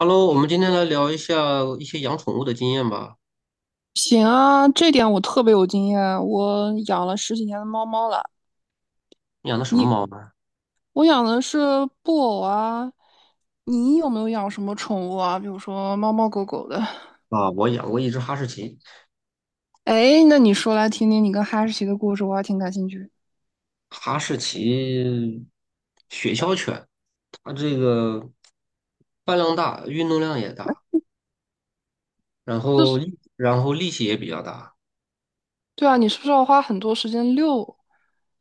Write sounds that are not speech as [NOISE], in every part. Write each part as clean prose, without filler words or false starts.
Hello，我们今天来聊一下一些养宠物的经验吧。行啊，这点我特别有经验。我养了十几年的猫猫了。你养的什么你，猫呢？我养的是布偶啊。你有没有养什么宠物啊？比如说猫猫狗狗的。啊，我养过一只哈士奇，[LAUGHS] 哎，那你说来听听你跟哈士奇的故事，我还挺感兴趣。哈士奇雪橇犬，它这个饭量大，运动量也大，然后力气也比较大。对啊，你是不是要花很多时间遛？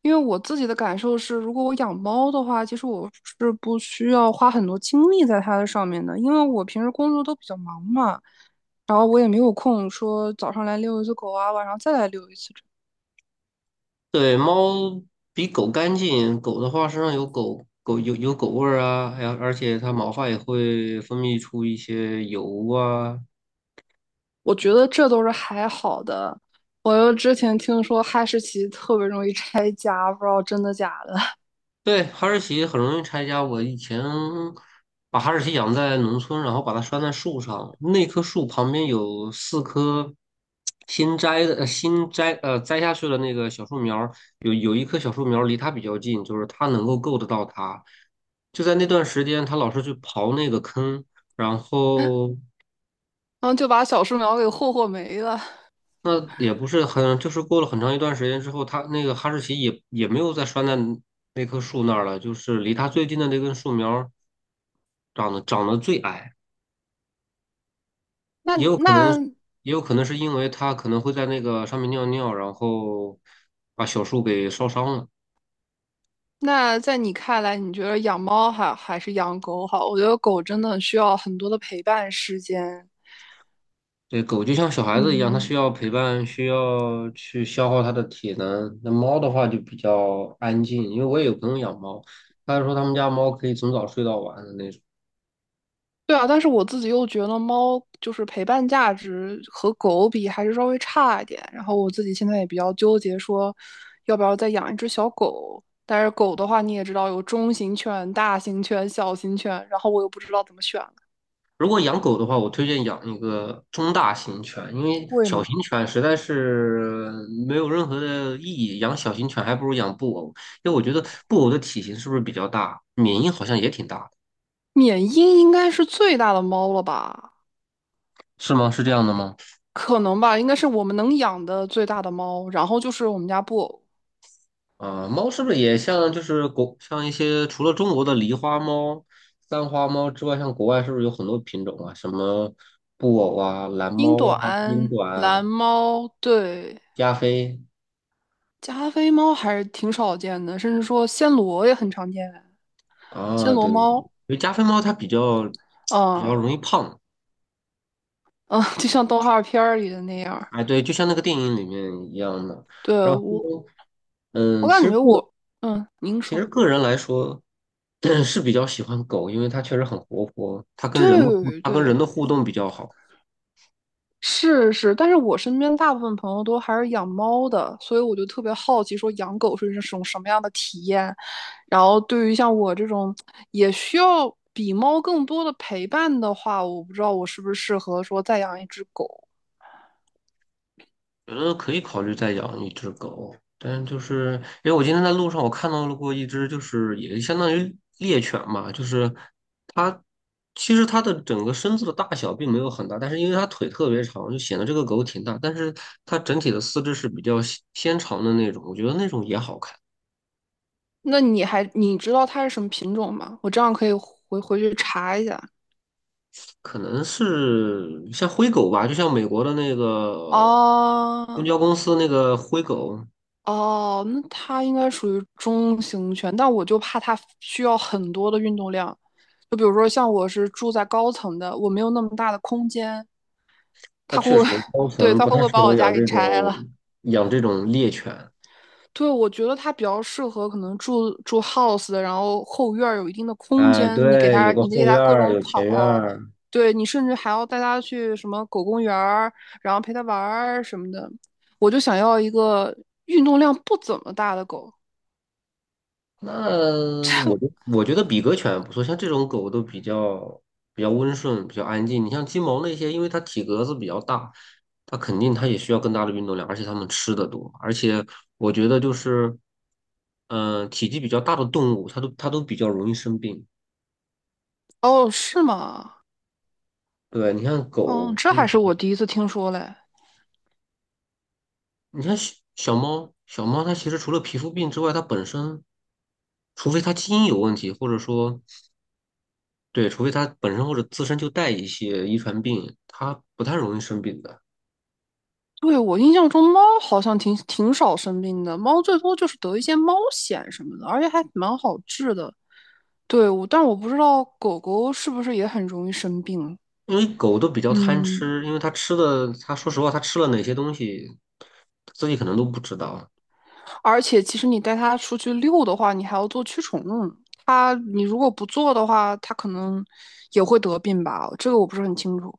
因为我自己的感受是，如果我养猫的话，其实我是不需要花很多精力在它的上面的，因为我平时工作都比较忙嘛，然后我也没有空说早上来遛一次狗啊，晚上再来遛一次这对，猫比狗干净，狗的话身上有狗味儿啊，还有而且它毛发也会分泌出一些油啊，我觉得这都是还好的。我又之前听说哈士奇特别容易拆家，不知道真的假的，对，哈士奇很容易拆家。我以前把哈士奇养在农村，然后把它拴在树上，那棵树旁边有四棵新摘的、呃新摘呃摘下去的那个小树苗儿，有一棵小树苗儿离它比较近，就是它能够够得到它。就在那段时间，它老是去刨那个坑，然后。然后就把小树苗给霍霍没了。那也不是很，就是过了很长一段时间之后，它那个哈士奇也没有再拴在那棵树那儿了，就是离它最近的那根树苗儿长得最矮，那也有可能，那也有可能是因为它可能会在那个上面尿尿，然后把小树给烧伤了。那在你看来，你觉得养猫好还是养狗好？我觉得狗真的需要很多的陪伴时间。对，狗就像小孩子一样，它需嗯，要陪伴，需要去消耗它的体能。那猫的话就比较安静，因为我也有朋友养猫，他说他们家猫可以从早睡到晚的那种。对啊，但是我自己又觉得猫就是陪伴价值和狗比还是稍微差一点。然后我自己现在也比较纠结，说要不要再养一只小狗。但是狗的话，你也知道有中型犬、大型犬、小型犬，然后我又不知道怎么选了如果养狗的话，我推荐养一个中大型犬，因为贵小吗？型犬实在是没有任何的意义。养小型犬还不如养布偶，因为我觉得布偶的体型是不是比较大，缅因好像也挺大的，缅因应该是最大的猫了吧？是吗？是这样的吗？可能吧，应该是我们能养的最大的猫，然后就是我们家布偶、啊、猫是不是也像就是像一些除了中国的狸花猫、三花猫之外，像国外是不是有很多品种啊？什么布偶啊、蓝英猫啊、英短、短啊蓝猫，对，加菲加菲猫还是挺少见的，甚至说暹罗也很常见，暹啊？罗对对对，因猫，为加菲猫它比较嗯容易胖。嗯，就像动画片儿里的那样儿哎，对，就像那个电影里面一样的。对，然后我，呢，我嗯，其感实觉个我，嗯，您其实说，个人来说，[CLEARS THROAT] 是比较喜欢狗，因为它确实很活泼，对它跟人对，的互动比较好。是是，但是我身边大部分朋友都还是养猫的，所以我就特别好奇，说养狗是一种什么样的体验。然后对于像我这种也需要比猫更多的陪伴的话，我不知道我是不是适合说再养一只狗。觉得可以考虑再养一只狗，但是就是因为我今天在路上我看到了过一只，就是也相当于猎犬嘛，就是它其实它的整个身子的大小并没有很大，但是因为它腿特别长，就显得这个狗挺大，但是它整体的四肢是比较纤纤长的那种，我觉得那种也好看，那你还你知道它是什么品种吗？我这样可以回回去查一下。可能是像灰狗吧，就像美国的那个公哦，交公司那个灰狗，哦，那它应该属于中型犬，但我就怕它需要很多的运动量。就比如说，像我是住在高层的，我没有那么大的空间，它它会，确实高 [LAUGHS] 对，层它不会不太会适把合我家养给这拆种了？养这种猎犬。对，我觉得它比较适合可能住住 house 的然后后院儿有一定的空哎，间，你给对，它，有个你给后院它各儿，种有前院跑，儿。对你甚至还要带它去什么狗公园儿，然后陪它玩儿什么的。我就想要一个运动量不怎么大的狗。那我觉我觉得比格犬不错，像这种狗都比较温顺，比较安静。你像金毛那些，因为它体格子比较大，它肯定它也需要更大的运动量，而且它们吃的多。而且我觉得就是，体积比较大的动物，它都比较容易生病。哦，是吗？对，你看哦，狗。这还是我第一次听说嘞。你看小猫，小猫它其实除了皮肤病之外，它本身，除非它基因有问题，或者说。对，除非它本身或者自身就带一些遗传病，它不太容易生病的。对，我印象中猫好像挺挺少生病的，猫最多就是得一些猫癣什么的，而且还蛮好治的。对，我，但我不知道狗狗是不是也很容易生病。因为狗都比较贪嗯，吃，因为它吃的，它说实话，它吃了哪些东西，自己可能都不知道。而且其实你带它出去遛的话，你还要做驱虫。它，你如果不做的话，它可能也会得病吧？这个我不是很清楚。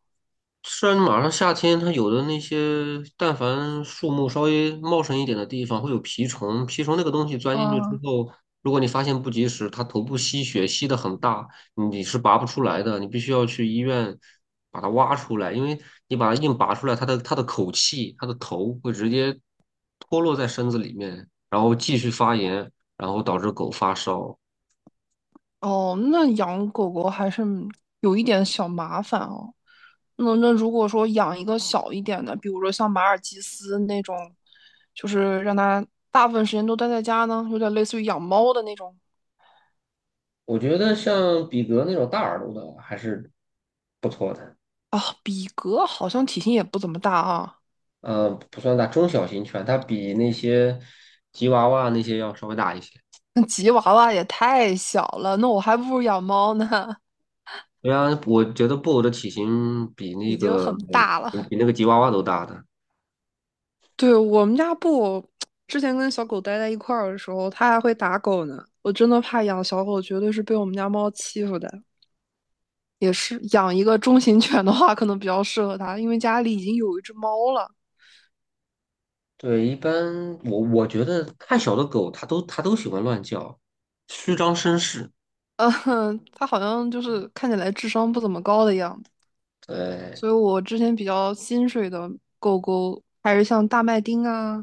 虽然马上夏天，它有的那些，但凡树木稍微茂盛一点的地方，会有蜱虫。蜱虫那个东西钻进去之嗯，后，如果你发现不及时，它头部吸血吸的很大，你是拔不出来的，你必须要去医院把它挖出来，因为你把它硬拔出来，它的口气，它的头会直接脱落在身子里面，然后继续发炎，然后导致狗发烧。哦，那养狗狗还是有一点小麻烦哦。那如果说养一个小一点的，比如说像马尔济斯那种，就是让它大部分时间都待在家呢，有点类似于养猫的那种我觉得像比格那种大耳朵的还是不错的。啊。比格好像体型也不怎么大啊，不算大，中小型犬，它比那些吉娃娃那些要稍微大一些。那吉娃娃也太小了，那我还不如养猫呢，对啊，我觉得布偶的体型比 [LAUGHS] 那已经个很大比了。比那个吉娃娃都大的。对，我们家布，之前跟小狗待在一块儿的时候，它还会打狗呢。我真的怕养小狗，绝对是被我们家猫欺负的。也是养一个中型犬的话，可能比较适合它，因为家里已经有一只猫了。对，一般我我觉得太小的狗，它都喜欢乱叫，虚张声势。嗯，它好像就是看起来智商不怎么高的样子，对，所以我之前比较心水的狗狗还是像大麦町啊，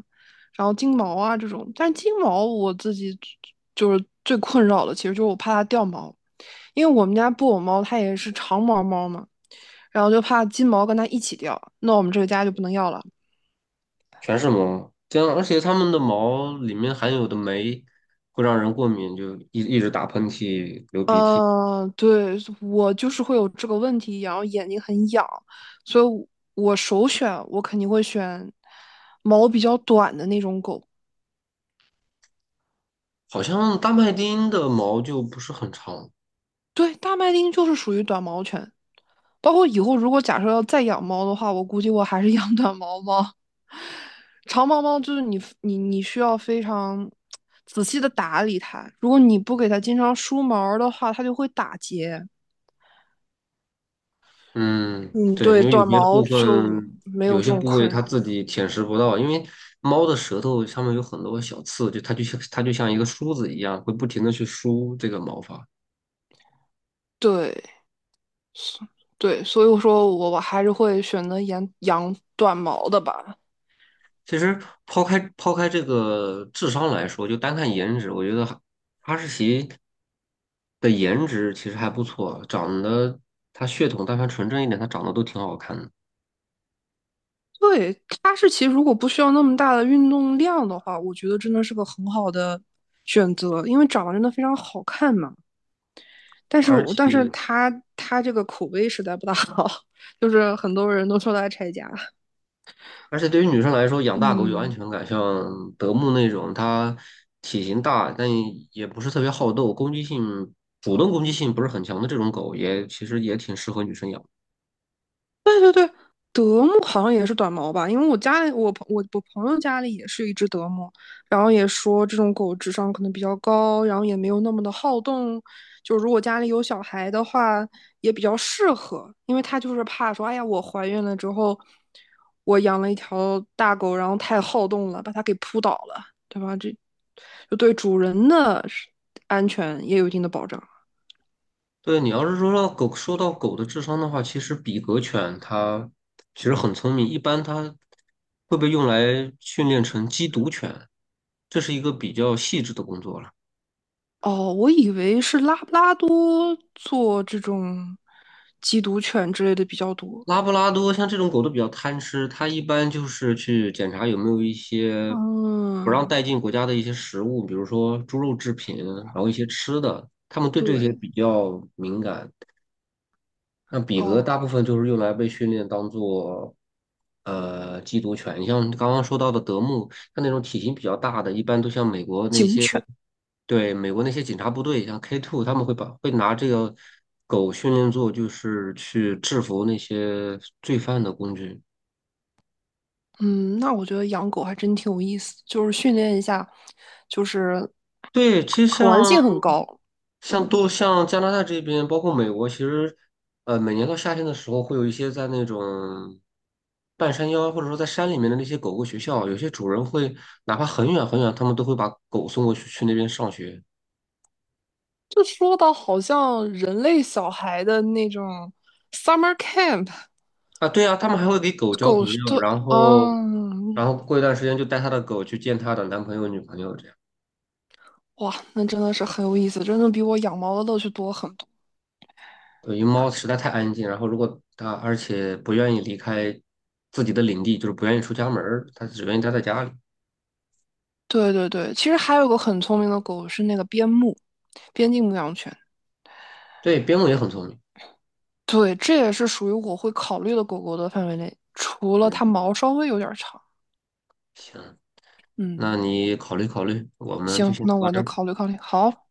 然后金毛啊这种。但是金毛我自己就是最困扰的，其实就是我怕它掉毛，因为我们家布偶猫它也是长毛猫嘛，然后就怕金毛跟它一起掉，那我们这个家就不能要了。全是毛，这样而且它们的毛里面含有的酶会让人过敏，就一直打喷嚏、流鼻涕。嗯，对，我就是会有这个问题，然后眼睛很痒，所以我首选我肯定会选毛比较短的那种狗。好像大麦町的毛就不是很长，对，大麦町就是属于短毛犬，包括以后如果假设要再养猫的话，我估计我还是养短毛猫。长毛猫就是你需要非常仔细的打理它，如果你不给它经常梳毛儿的话，它就会打结。嗯，嗯，对，对，因为有短些毛部就分没有有这些种部位困它扰。自己舔食不到，因为猫的舌头上面有很多小刺，就它就像一个梳子一样，会不停的去梳这个毛发。对，对，所以我说我还是会选择养短毛的吧。其实抛开这个智商来说，就单看颜值，我觉得哈士奇的颜值其实还不错，长得它血统但凡纯正一点，它长得都挺好看的。对，哈士奇如果不需要那么大的运动量的话，我觉得真的是个很好的选择，因为长得真的非常好看嘛。但是，而但是且它它这个口碑实在不大好，[LAUGHS] 就是很多人都说它拆家。而且对于女生来说，养大狗有安嗯。全感，像德牧那种，它体型大，但也不是特别好斗，攻击性、主动攻击性不是很强的这种狗，也其实也挺适合女生养。德牧好像也是短毛吧，因为我家里我朋友家里也是一只德牧，然后也说这种狗智商可能比较高，然后也没有那么的好动，就如果家里有小孩的话也比较适合，因为它就是怕说，哎呀，我怀孕了之后，我养了一条大狗，然后太好动了，把它给扑倒了，对吧？这就对主人的安全也有一定的保障。对，你要是说到狗，说到狗的智商的话，其实比格犬它其实很聪明，一般它会被用来训练成缉毒犬，这是一个比较细致的工作了。哦，我以为是拉布拉多做这种缉毒犬之类的比较多。拉布拉多像这种狗都比较贪吃，它一般就是去检查有没有一些不让嗯，带进国家的一些食物，比如说猪肉制品，然后一些吃的，它们对这些对，比较敏感。那比格哦，大部分就是用来被训练当做缉毒犬，像刚刚说到的德牧，像那种体型比较大的，一般都像美国那警些。犬，对，美国那些警察部队，像 K2,他们会把会拿这个狗训练做，就是去制服那些罪犯的工具。嗯，那我觉得养狗还真挺有意思，就是训练一下，就是对，其实可玩像性很高。像嗯，多像加拿大这边，包括美国，其实每年到夏天的时候，会有一些在那种半山腰或者说在山里面的那些狗狗学校，有些主人会哪怕很远很远，他们都会把狗送过去那边上学。就说到好像人类小孩的那种 summer camp，啊，对啊，他们还会给狗交狗朋是友，的，然后，然嗯，后过一段时间就带他的狗去见他的男朋友、女朋友这样。哇，那真的是很有意思，真的比我养猫的乐趣多很多。对，因为猫实在太安静，然后如果它而且不愿意离开自己的领地，就是不愿意出家门儿，它只愿意待在家里。对对对，其实还有个很聪明的狗是那个边牧，边境牧羊犬。对，边牧也很聪明。对，这也是属于我会考虑的狗狗的范围内，除了它嗯，毛稍微有点长。行，那嗯，你考虑考虑，我们就行，先那聊到我这就儿。考虑考虑。好。